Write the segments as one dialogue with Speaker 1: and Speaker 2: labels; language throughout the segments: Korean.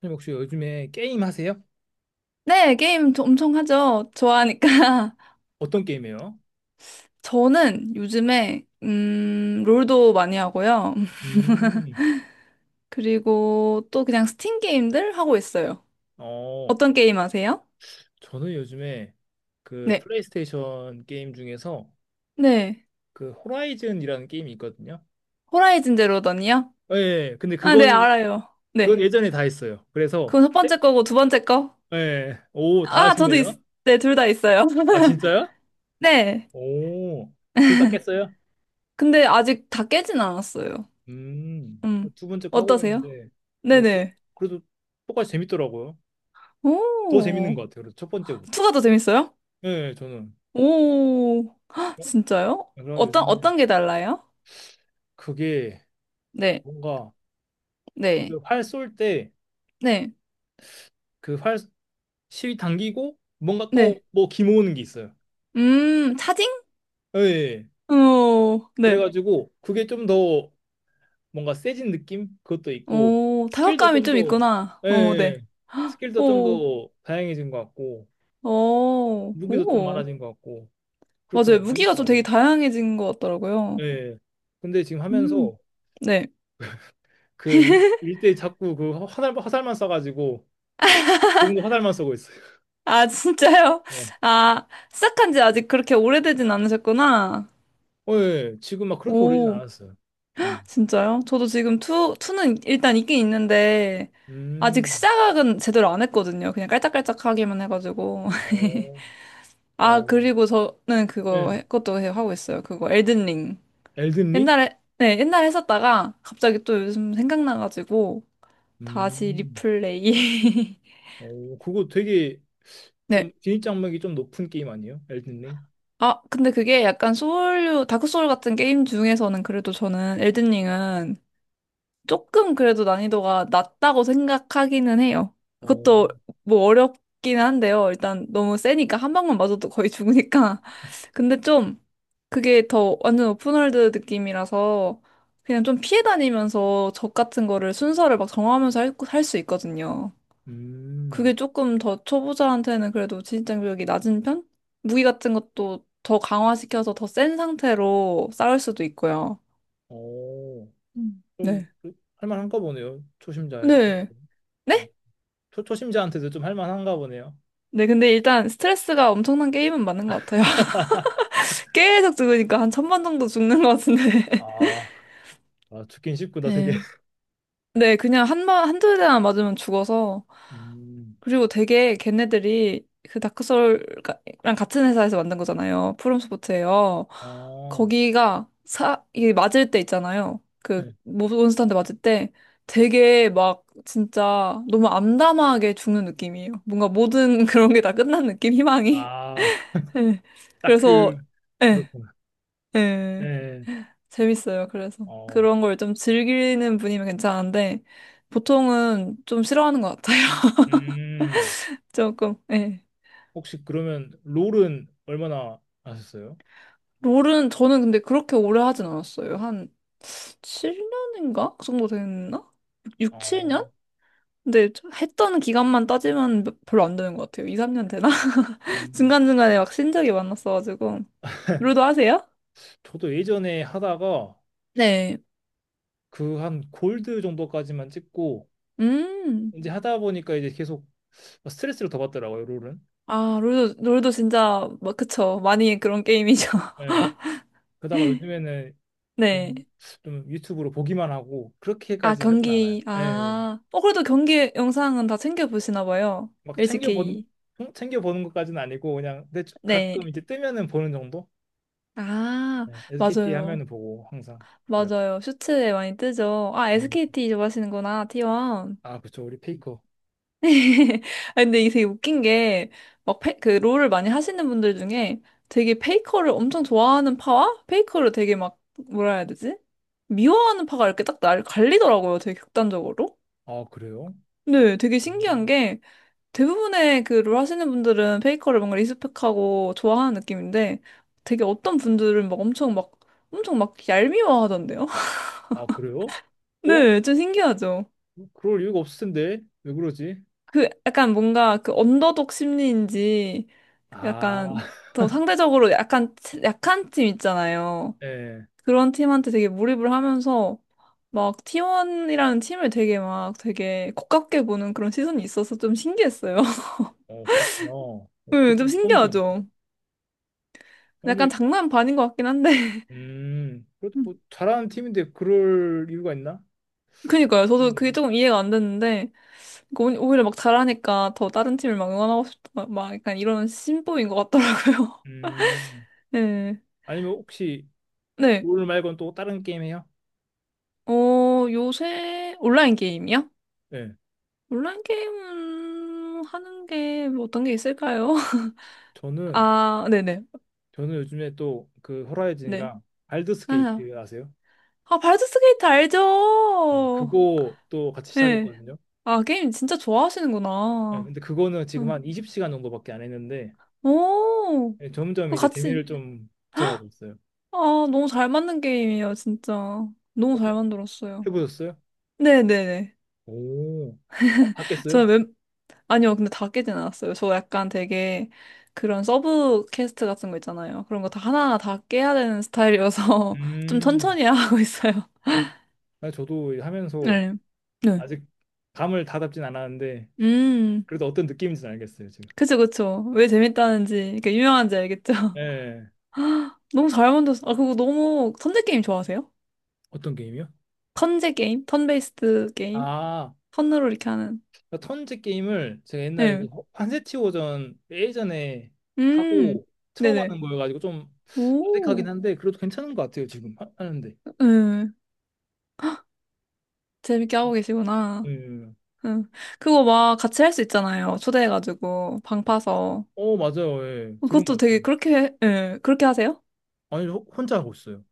Speaker 1: 선생님 혹시 요즘에 게임 하세요?
Speaker 2: 네, 게임 엄청 하죠. 좋아하니까.
Speaker 1: 어떤 게임이에요?
Speaker 2: 저는 요즘에, 롤도 많이 하고요.
Speaker 1: 음,
Speaker 2: 그리고 또 그냥 스팀 게임들 하고 있어요.
Speaker 1: 어,
Speaker 2: 어떤 게임 아세요?
Speaker 1: 저는 요즘에 그
Speaker 2: 네.
Speaker 1: 플레이스테이션 게임 중에서
Speaker 2: 네.
Speaker 1: 그 호라이즌이라는 게임이 있거든요.
Speaker 2: 호라이즌 제로 던이요?
Speaker 1: 예, 근데
Speaker 2: 아, 네,
Speaker 1: 그거는
Speaker 2: 알아요.
Speaker 1: 그건
Speaker 2: 네.
Speaker 1: 예전에 다 했어요. 그래서
Speaker 2: 그건 첫 번째 거고 두 번째 거?
Speaker 1: 예, 오, 다
Speaker 2: 아,
Speaker 1: 하시네요.
Speaker 2: 네, 둘 다 있어요.
Speaker 1: 아, 진짜요?
Speaker 2: 네.
Speaker 1: 오, 둘 다 깼어요?
Speaker 2: 근데 아직 다 깨진 않았어요.
Speaker 1: 음,
Speaker 2: 음.
Speaker 1: 두 번째 하고
Speaker 2: 어떠세요?
Speaker 1: 있는데, 어, 그,
Speaker 2: 네네.
Speaker 1: 그래도 똑같이 재밌더라고요. 더 재밌는
Speaker 2: 오.
Speaker 1: 것 같아요. 그래서 첫 번째보다.
Speaker 2: 투가 더 재밌어요?
Speaker 1: 예, 저는.
Speaker 2: 오, 헉,
Speaker 1: 어,
Speaker 2: 진짜요?
Speaker 1: 그래서
Speaker 2: 어떤,
Speaker 1: 요즘에
Speaker 2: 어떤 게 달라요?
Speaker 1: 그게
Speaker 2: 네,
Speaker 1: 뭔가
Speaker 2: 네,
Speaker 1: 그 활쏠 때
Speaker 2: 네,
Speaker 1: 그 활 실이 당기고 뭔가 또
Speaker 2: 네.
Speaker 1: 뭐 기모으는 게 있어요.
Speaker 2: 차징?
Speaker 1: 예. 예, 예.
Speaker 2: 오, 네.
Speaker 1: 그래가지고 그게 좀 더 뭔가 세진 느낌? 그것도 있고
Speaker 2: 오,
Speaker 1: 스킬도
Speaker 2: 타격감이
Speaker 1: 좀
Speaker 2: 좀
Speaker 1: 더
Speaker 2: 있구나.
Speaker 1: 예. 예.
Speaker 2: 오, 네.
Speaker 1: 예. 스킬도 좀
Speaker 2: 오,
Speaker 1: 더 다양해진 것 같고
Speaker 2: 오,
Speaker 1: 무기도 좀
Speaker 2: 오.
Speaker 1: 많아진 것 같고
Speaker 2: 맞아요.
Speaker 1: 그렇더라고
Speaker 2: 무기가 좀 되게
Speaker 1: 재밌더라고.
Speaker 2: 다양해진 것
Speaker 1: 예.
Speaker 2: 같더라고요.
Speaker 1: 예. 근데 지금
Speaker 2: 음,
Speaker 1: 하면서
Speaker 2: 네.
Speaker 1: 그 일대 자꾸 그 화살만 써가지고 지금도 화살만 쏘고 있어요.
Speaker 2: 아, 진짜요?
Speaker 1: 예.
Speaker 2: 아, 시작한 지 아직 그렇게 오래되진 않으셨구나.
Speaker 1: 어, 예. 예. 지금 막 그렇게 오래진
Speaker 2: 오.
Speaker 1: 않았어요. 예.
Speaker 2: 진짜요? 저도 지금 투는 일단 있긴 있는데, 아직
Speaker 1: 음.
Speaker 2: 시작은 제대로 안 했거든요. 그냥 깔짝깔짝하기만 해가지고.
Speaker 1: 어,
Speaker 2: 아,
Speaker 1: 와,
Speaker 2: 그리고 저는
Speaker 1: 예,
Speaker 2: 그거, 그것도 하고 있어요. 그거, 엘든링.
Speaker 1: 엘든 링?
Speaker 2: 옛날에, 네, 옛날에 했었다가, 갑자기 또 요즘 생각나가지고, 다시
Speaker 1: 음,
Speaker 2: 리플레이.
Speaker 1: 어, 그거 되게 좀
Speaker 2: 네.
Speaker 1: 진입장벽이 좀 높은 게임 아니에요? 엘든 링?
Speaker 2: 아, 근데 그게 약간 소울류, 다크소울 같은 게임 중에서는 그래도 저는 엘든링은 조금 그래도 난이도가 낮다고 생각하기는 해요.
Speaker 1: 어,
Speaker 2: 그것도 뭐 어렵긴 한데요. 일단 너무 세니까 한 방만 맞아도 거의 죽으니까. 근데 좀 그게 더 완전 오픈월드 느낌이라서 그냥 좀 피해 다니면서 적 같은 거를 순서를 막 정하면서 할수 있거든요.
Speaker 1: 음,
Speaker 2: 그게 조금 더 초보자한테는 그래도 진입장벽이 낮은 편? 무기 같은 것도 더 강화시켜서 더 센 상태로 싸울 수도 있고요.
Speaker 1: 어,
Speaker 2: 음.
Speaker 1: 좀
Speaker 2: 네.
Speaker 1: 할만한가 보네요. 초심자에.
Speaker 2: 네.
Speaker 1: 음,
Speaker 2: 네?
Speaker 1: 초심자한테도 좀 할만한가 보네요.
Speaker 2: 네, 근데 일단 스트레스가 엄청난 게임은 맞는 것 같아요. 계속 죽으니까 한 천번 정도 죽는 것 같은데.
Speaker 1: 아, 아, 죽긴 쉽구나, 되게.
Speaker 2: 네. 네, 그냥 한 번, 한두 대만 맞으면 죽어서.
Speaker 1: 음,
Speaker 2: 그리고 되게 걔네들이 그 다크소울랑 같은 회사에서 만든 거잖아요. 프롬소프트예요.
Speaker 1: 어,
Speaker 2: 거기가 이게 맞을 때 있잖아요. 그
Speaker 1: 예.
Speaker 2: 몬스터한테 맞을 때 되게 막 진짜 너무 암담하게 죽는 느낌이에요. 뭔가 모든 그런 게 다 끝난 느낌, 희망이.
Speaker 1: 아,
Speaker 2: 네.
Speaker 1: 딱
Speaker 2: 그래서
Speaker 1: 그,
Speaker 2: 예.
Speaker 1: 그렇구나.
Speaker 2: 예,
Speaker 1: 예,
Speaker 2: 재밌어요. 그래서
Speaker 1: 어,
Speaker 2: 그런 걸 좀 즐기는 분이면 괜찮은데 보통은 좀 싫어하는 것 같아요.
Speaker 1: 음,
Speaker 2: 조금. 예.
Speaker 1: 혹시 그러면 롤은 얼마나 하셨어요?
Speaker 2: 롤은 저는 근데 그렇게 오래 하진 않았어요. 한 7년인가? 그 정도 됐나? 6,
Speaker 1: 어,
Speaker 2: 7년? 근데 했던 기간만 따지면 별로 안 되는 것 같아요. 2, 3년 되나?
Speaker 1: 음.
Speaker 2: 중간중간에 막 신적이 많았어가지고. 롤도 하세요?
Speaker 1: 저도 예전에 하다가
Speaker 2: 네.
Speaker 1: 그 한 골드 정도까지만 찍고
Speaker 2: 음.
Speaker 1: 이제 하다 보니까 이제 계속 스트레스를 더 받더라고요, 롤은.
Speaker 2: 아, 롤도 진짜, 막, 그쵸. 많이 그런 게임이죠.
Speaker 1: 예. 그러다가 요즘에는
Speaker 2: 네.
Speaker 1: 그냥 좀 유튜브로 보기만 하고
Speaker 2: 아,
Speaker 1: 그렇게까지 하진 않아요. 예. 예.
Speaker 2: 아. 어, 그래도 경기 영상은 다 챙겨보시나 봐요.
Speaker 1: 막 챙겨 보는
Speaker 2: LCK.
Speaker 1: 챙겨 보는 것까지는 아니고 그냥 근데
Speaker 2: 네.
Speaker 1: 가끔 이제 뜨면은 보는 정도.
Speaker 2: 아,
Speaker 1: 예. SKT
Speaker 2: 맞아요.
Speaker 1: 하면은 보고 항상 그래도.
Speaker 2: 맞아요. 슈츠에 많이 뜨죠. 아,
Speaker 1: 음.
Speaker 2: SKT 좋아하시는구나, T1.
Speaker 1: 아, 그쵸. 우리 페이커.
Speaker 2: 아, 근데 이게 되게 웃긴 게, 막, 그, 롤을 많이 하시는 분들 중에 되게 페이커를 엄청 좋아하는 파와 페이커를 되게 막, 뭐라 해야 되지? 미워하는 파가 이렇게 딱 날 갈리더라고요. 되게 극단적으로.
Speaker 1: 아, 그래요?
Speaker 2: 네, 되게 신기한
Speaker 1: 음.
Speaker 2: 게, 대부분의 그롤 하시는 분들은 페이커를 뭔가 리스펙하고 좋아하는 느낌인데 되게 어떤 분들은 막 엄청 막 얄미워하던데요?
Speaker 1: 아, 그래요? 어?
Speaker 2: 네, 좀 신기하죠.
Speaker 1: 그럴 이유가 없을 텐데 왜 그러지?
Speaker 2: 그 약간 뭔가 그 언더독 심리인지
Speaker 1: 아,
Speaker 2: 약간 더 상대적으로 약간 약한 팀 있잖아요.
Speaker 1: 네,
Speaker 2: 그런 팀한테 되게 몰입을 하면서 막 T1이라는 팀을 되게 막 되게 고깝게 보는 그런 시선이 있어서 좀 신기했어요.
Speaker 1: 어 그렇구나. 어,
Speaker 2: 네, 좀
Speaker 1: 그것도 처음 듣네.
Speaker 2: 신기하죠. 약간
Speaker 1: 아니,
Speaker 2: 장난 반인 것 같긴 한데.
Speaker 1: 그래도 뭐 잘하는 팀인데 그럴 이유가 있나?
Speaker 2: 그니까요. 저도
Speaker 1: 있네요.
Speaker 2: 그게 조금 이해가 안 됐는데, 그러니까 오히려 막 잘하니까 더 다른 팀을 막 응원하고 싶다. 막 약간 이런 심보인 것 같더라고요.
Speaker 1: 음,
Speaker 2: 네.
Speaker 1: 아니면 혹시
Speaker 2: 네.
Speaker 1: 롤 말고는 또 다른 게임 해요?
Speaker 2: 어, 요새 온라인 게임이요?
Speaker 1: 네,
Speaker 2: 온라인 게임 하는 게뭐 어떤 게 있을까요?
Speaker 1: 저는
Speaker 2: 아, 네네.
Speaker 1: 저는 요즘에 또 그
Speaker 2: 네.
Speaker 1: 호라이즌이랑 발더스
Speaker 2: 아,
Speaker 1: 게이트 아세요?
Speaker 2: 아, 발드 스케이트
Speaker 1: 네,
Speaker 2: 알죠?
Speaker 1: 그거 또 같이
Speaker 2: 네.
Speaker 1: 시작했거든요.
Speaker 2: 아, 게임 진짜
Speaker 1: 네,
Speaker 2: 좋아하시는구나.
Speaker 1: 근데 그거는
Speaker 2: 네.
Speaker 1: 지금 한 20시간 정도밖에 안 했는데
Speaker 2: 오,
Speaker 1: 네, 점점
Speaker 2: 그거
Speaker 1: 이제
Speaker 2: 같이.
Speaker 1: 재미를 좀 붙여가고 있어요.
Speaker 2: 아, 너무 잘 맞는 게임이에요, 진짜. 너무
Speaker 1: 어,
Speaker 2: 잘 만들었어요.
Speaker 1: 해보셨어요?
Speaker 2: 네네네.
Speaker 1: 오, 봤겠어요?
Speaker 2: 저는 웬, 아니요, 근데 다 깨진 않았어요. 저 약간 되게 그런 서브 퀘스트 같은 거 있잖아요. 그런 거 다 하나하나 다 깨야 되는 스타일이어서 좀
Speaker 1: 음,
Speaker 2: 천천히 하고 있어요.
Speaker 1: 아, 저도 하면서
Speaker 2: 네. 네.
Speaker 1: 아직 감을 다 잡진 않았는데,
Speaker 2: 음,
Speaker 1: 그래도 어떤 느낌인지는 알겠어요, 지금.
Speaker 2: 그쵸, 그쵸. 왜 재밌다는지, 이렇게 유명한지 알겠죠?
Speaker 1: 예.
Speaker 2: 너무 잘 만들었어. 아, 그거 너무, 턴제 게임 좋아하세요?
Speaker 1: 어떤 게임이요?
Speaker 2: 턴제 게임? 턴베이스드 게임?
Speaker 1: 아,
Speaker 2: 턴으로 이렇게 하는.
Speaker 1: 턴제 게임을 제가 옛날에
Speaker 2: 네.
Speaker 1: 그 한세티오전 예전에
Speaker 2: 음,
Speaker 1: 하고 처음
Speaker 2: 네네.
Speaker 1: 하는 거여가지고 좀 어색하긴
Speaker 2: 오,
Speaker 1: 한데, 그래도 괜찮은 것 같아요, 지금 하는데.
Speaker 2: 응. 재밌게 하고 계시구나.
Speaker 1: 예.
Speaker 2: 응. 그거 막 같이 할 수 있잖아요. 초대해가지고, 방 파서.
Speaker 1: 어, 맞아요. 예. 들은
Speaker 2: 그것도
Speaker 1: 것 같아요.
Speaker 2: 되게 그렇게, 예, 그렇게 하세요?
Speaker 1: 아니, 혼자 하고 있어요.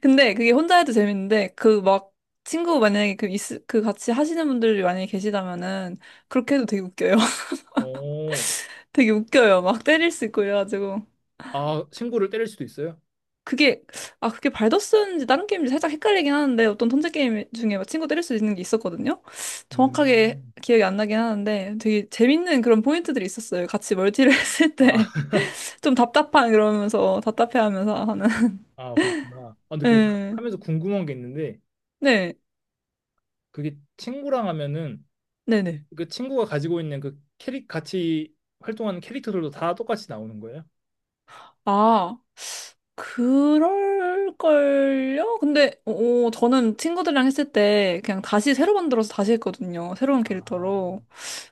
Speaker 2: 근데 그게 혼자 해도 재밌는데, 그 막, 친구 만약에 그 같이 하시는 분들이 만약에 계시다면은, 그렇게 해도 되게 웃겨요.
Speaker 1: 어,
Speaker 2: 되게 웃겨요. 막 때릴 수 있고 이래가지고.
Speaker 1: 아, 친구를 때릴 수도 있어요?
Speaker 2: 그게 그게 발더스인지 다른 게임인지 살짝 헷갈리긴 하는데 어떤 턴제 게임 중에 막 친구 때릴 수 있는 게 있었거든요. 정확하게
Speaker 1: 음.
Speaker 2: 기억이 안 나긴 하는데 되게 재밌는 그런 포인트들이 있었어요. 같이 멀티를 했을
Speaker 1: 아,
Speaker 2: 때 좀 답답한 그러면서 답답해하면서 하는.
Speaker 1: 아, 그렇구나. 아, 근데 그
Speaker 2: 네,
Speaker 1: 하면서 궁금한 게 있는데
Speaker 2: 네,
Speaker 1: 그게 친구랑 하면은
Speaker 2: 네, 네.
Speaker 1: 그 친구가 가지고 있는 그 캐릭 같이 활동하는 캐릭터들도 다 똑같이 나오는 거예요?
Speaker 2: 아 그럴걸요? 근데 저는 친구들이랑 했을 때 그냥 다시 새로 만들어서 다시 했거든요. 새로운
Speaker 1: 아,
Speaker 2: 캐릭터로.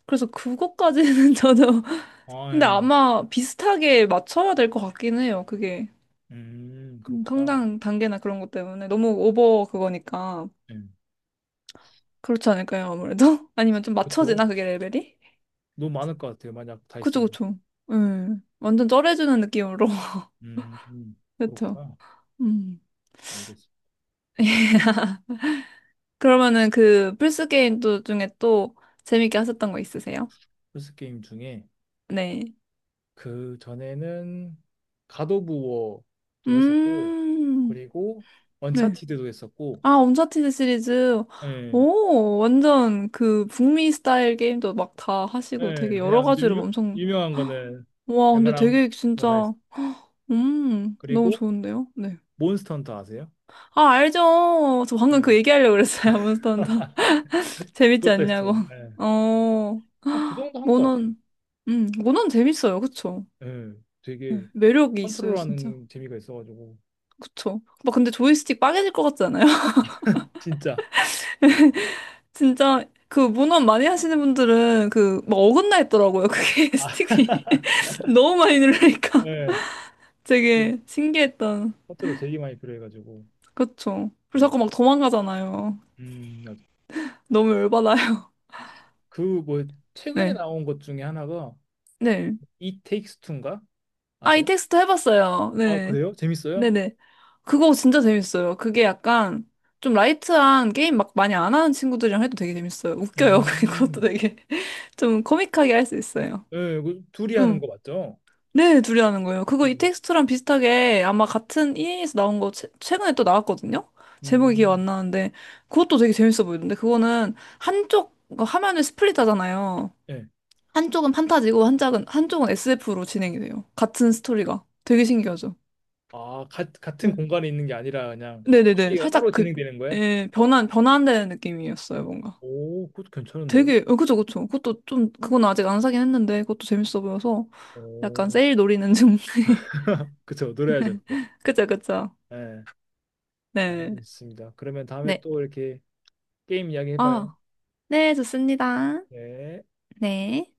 Speaker 2: 그래서 그것까지는 저도
Speaker 1: 아,
Speaker 2: 근데
Speaker 1: 예.
Speaker 2: 아마 비슷하게 맞춰야 될 것 같긴 해요. 그게
Speaker 1: 그렇구나.
Speaker 2: 성장 단계나 그런 것 때문에 너무 오버 그거니까
Speaker 1: 예,
Speaker 2: 그렇지 않을까요? 아무래도 아니면 좀
Speaker 1: 그쵸.
Speaker 2: 맞춰지나 그게 레벨이?
Speaker 1: 너무 많을 것 같아요. 만약 다
Speaker 2: 그쵸
Speaker 1: 있으면.
Speaker 2: 그쵸. 완전 쩔어주는 느낌으로
Speaker 1: 음, 음,
Speaker 2: 그쵸.
Speaker 1: 그렇구나.
Speaker 2: 음
Speaker 1: 알겠어.
Speaker 2: 그러면은 그 플스 게임 또 중에 또 재밌게 하셨던 거 있으세요?
Speaker 1: 플스 게임 중에
Speaker 2: 네.
Speaker 1: 그 전에는 갓 오브 워도 했었고
Speaker 2: 음
Speaker 1: 그리고
Speaker 2: 네.
Speaker 1: 언차티드도 했었고
Speaker 2: 아, 언차티드 시리즈.
Speaker 1: 예.
Speaker 2: 오, 완전 그 북미 스타일 게임도 막 다 하시고
Speaker 1: 예,
Speaker 2: 되게 여러
Speaker 1: 그냥 좀
Speaker 2: 가지로 엄청,
Speaker 1: 유명한 거는
Speaker 2: 와, 근데
Speaker 1: 웬만한 거
Speaker 2: 되게
Speaker 1: 다 했어.
Speaker 2: 진짜, 너무
Speaker 1: 그리고
Speaker 2: 좋은데요? 네.
Speaker 1: 몬스터 헌터 아세요?
Speaker 2: 아, 알죠. 저 방금
Speaker 1: 예,
Speaker 2: 그 얘기하려고 그랬어요. 몬스터 헌터. 재밌지
Speaker 1: 그것도 했어요.
Speaker 2: 않냐고.
Speaker 1: 예.
Speaker 2: 어,
Speaker 1: 한그 정도 한 것 같아요.
Speaker 2: 모논, 모논 재밌어요. 그쵸?
Speaker 1: 예,
Speaker 2: 네,
Speaker 1: 되게
Speaker 2: 매력이 있어요, 진짜.
Speaker 1: 컨트롤하는 재미가 있어가지고
Speaker 2: 그쵸? 막 근데 조이스틱 빠개질 것 같지 않아요?
Speaker 1: 진짜.
Speaker 2: 진짜 그 문어 많이 하시는 분들은 그 막 어긋나 있더라고요. 그게
Speaker 1: 아,
Speaker 2: 스틱이 너무 많이 누르니까
Speaker 1: 예. 그
Speaker 2: 되게 신기했던.
Speaker 1: 컨트롤 되게 많이 필요해가지고.
Speaker 2: 그쵸.
Speaker 1: 예.
Speaker 2: 그리고 자꾸 막 도망가잖아요.
Speaker 1: 음,
Speaker 2: 너무 열받아요.
Speaker 1: 그뭐 최근에
Speaker 2: 네.
Speaker 1: 나온 것 중에 하나가
Speaker 2: 네.
Speaker 1: It Takes Two 인가
Speaker 2: 아, 이
Speaker 1: 아세요?
Speaker 2: 텍스트 해봤어요.
Speaker 1: 아,
Speaker 2: 네.
Speaker 1: 그래요? 재밌어요?
Speaker 2: 네네. 그거 진짜 재밌어요. 그게 약간 좀 라이트한 게임 막 많이 안 하는 친구들이랑 해도 되게 재밌어요. 웃겨요. 그것도
Speaker 1: 음.
Speaker 2: 되게 좀 코믹하게 할 수 있어요.
Speaker 1: 예, 그 둘이 하는
Speaker 2: 응.
Speaker 1: 거 맞죠?
Speaker 2: 네, 둘이 하는 거예요. 그거 이
Speaker 1: 음.
Speaker 2: 텍스트랑 비슷하게 아마 같은 EA에서 나온 거 최근에 또 나왔거든요? 제목이 기억
Speaker 1: 음.
Speaker 2: 안 나는데 그것도 되게 재밌어 보이던데 그거는 한쪽 그 화면을 스플릿 하잖아요.
Speaker 1: 예.
Speaker 2: 한쪽은 판타지고 한쪽은 SF로 진행이 돼요. 같은 스토리가. 되게 신기하죠?
Speaker 1: 아, 같은
Speaker 2: 음.
Speaker 1: 공간에 있는 게 아니라 그냥
Speaker 2: 네네네.
Speaker 1: 스토리가
Speaker 2: 살짝
Speaker 1: 따로
Speaker 2: 그
Speaker 1: 진행되는 거야?
Speaker 2: 예, 변환되는 느낌이었어요, 뭔가.
Speaker 1: 오, 그것도 괜찮은데요?
Speaker 2: 되게 그죠, 그죠. 그것도 좀 그건 아직 안 사긴 했는데 그것도 재밌어 보여서 약간
Speaker 1: 오,
Speaker 2: 세일 노리는 중.
Speaker 1: 그쵸, 노래하죠, 그거.
Speaker 2: 그죠, 그죠.
Speaker 1: 네,
Speaker 2: 네.
Speaker 1: 알겠습니다. 그러면 다음에
Speaker 2: 네.
Speaker 1: 또 이렇게 게임 이야기 해봐요.
Speaker 2: 아, 네, 좋습니다.
Speaker 1: 네.
Speaker 2: 네.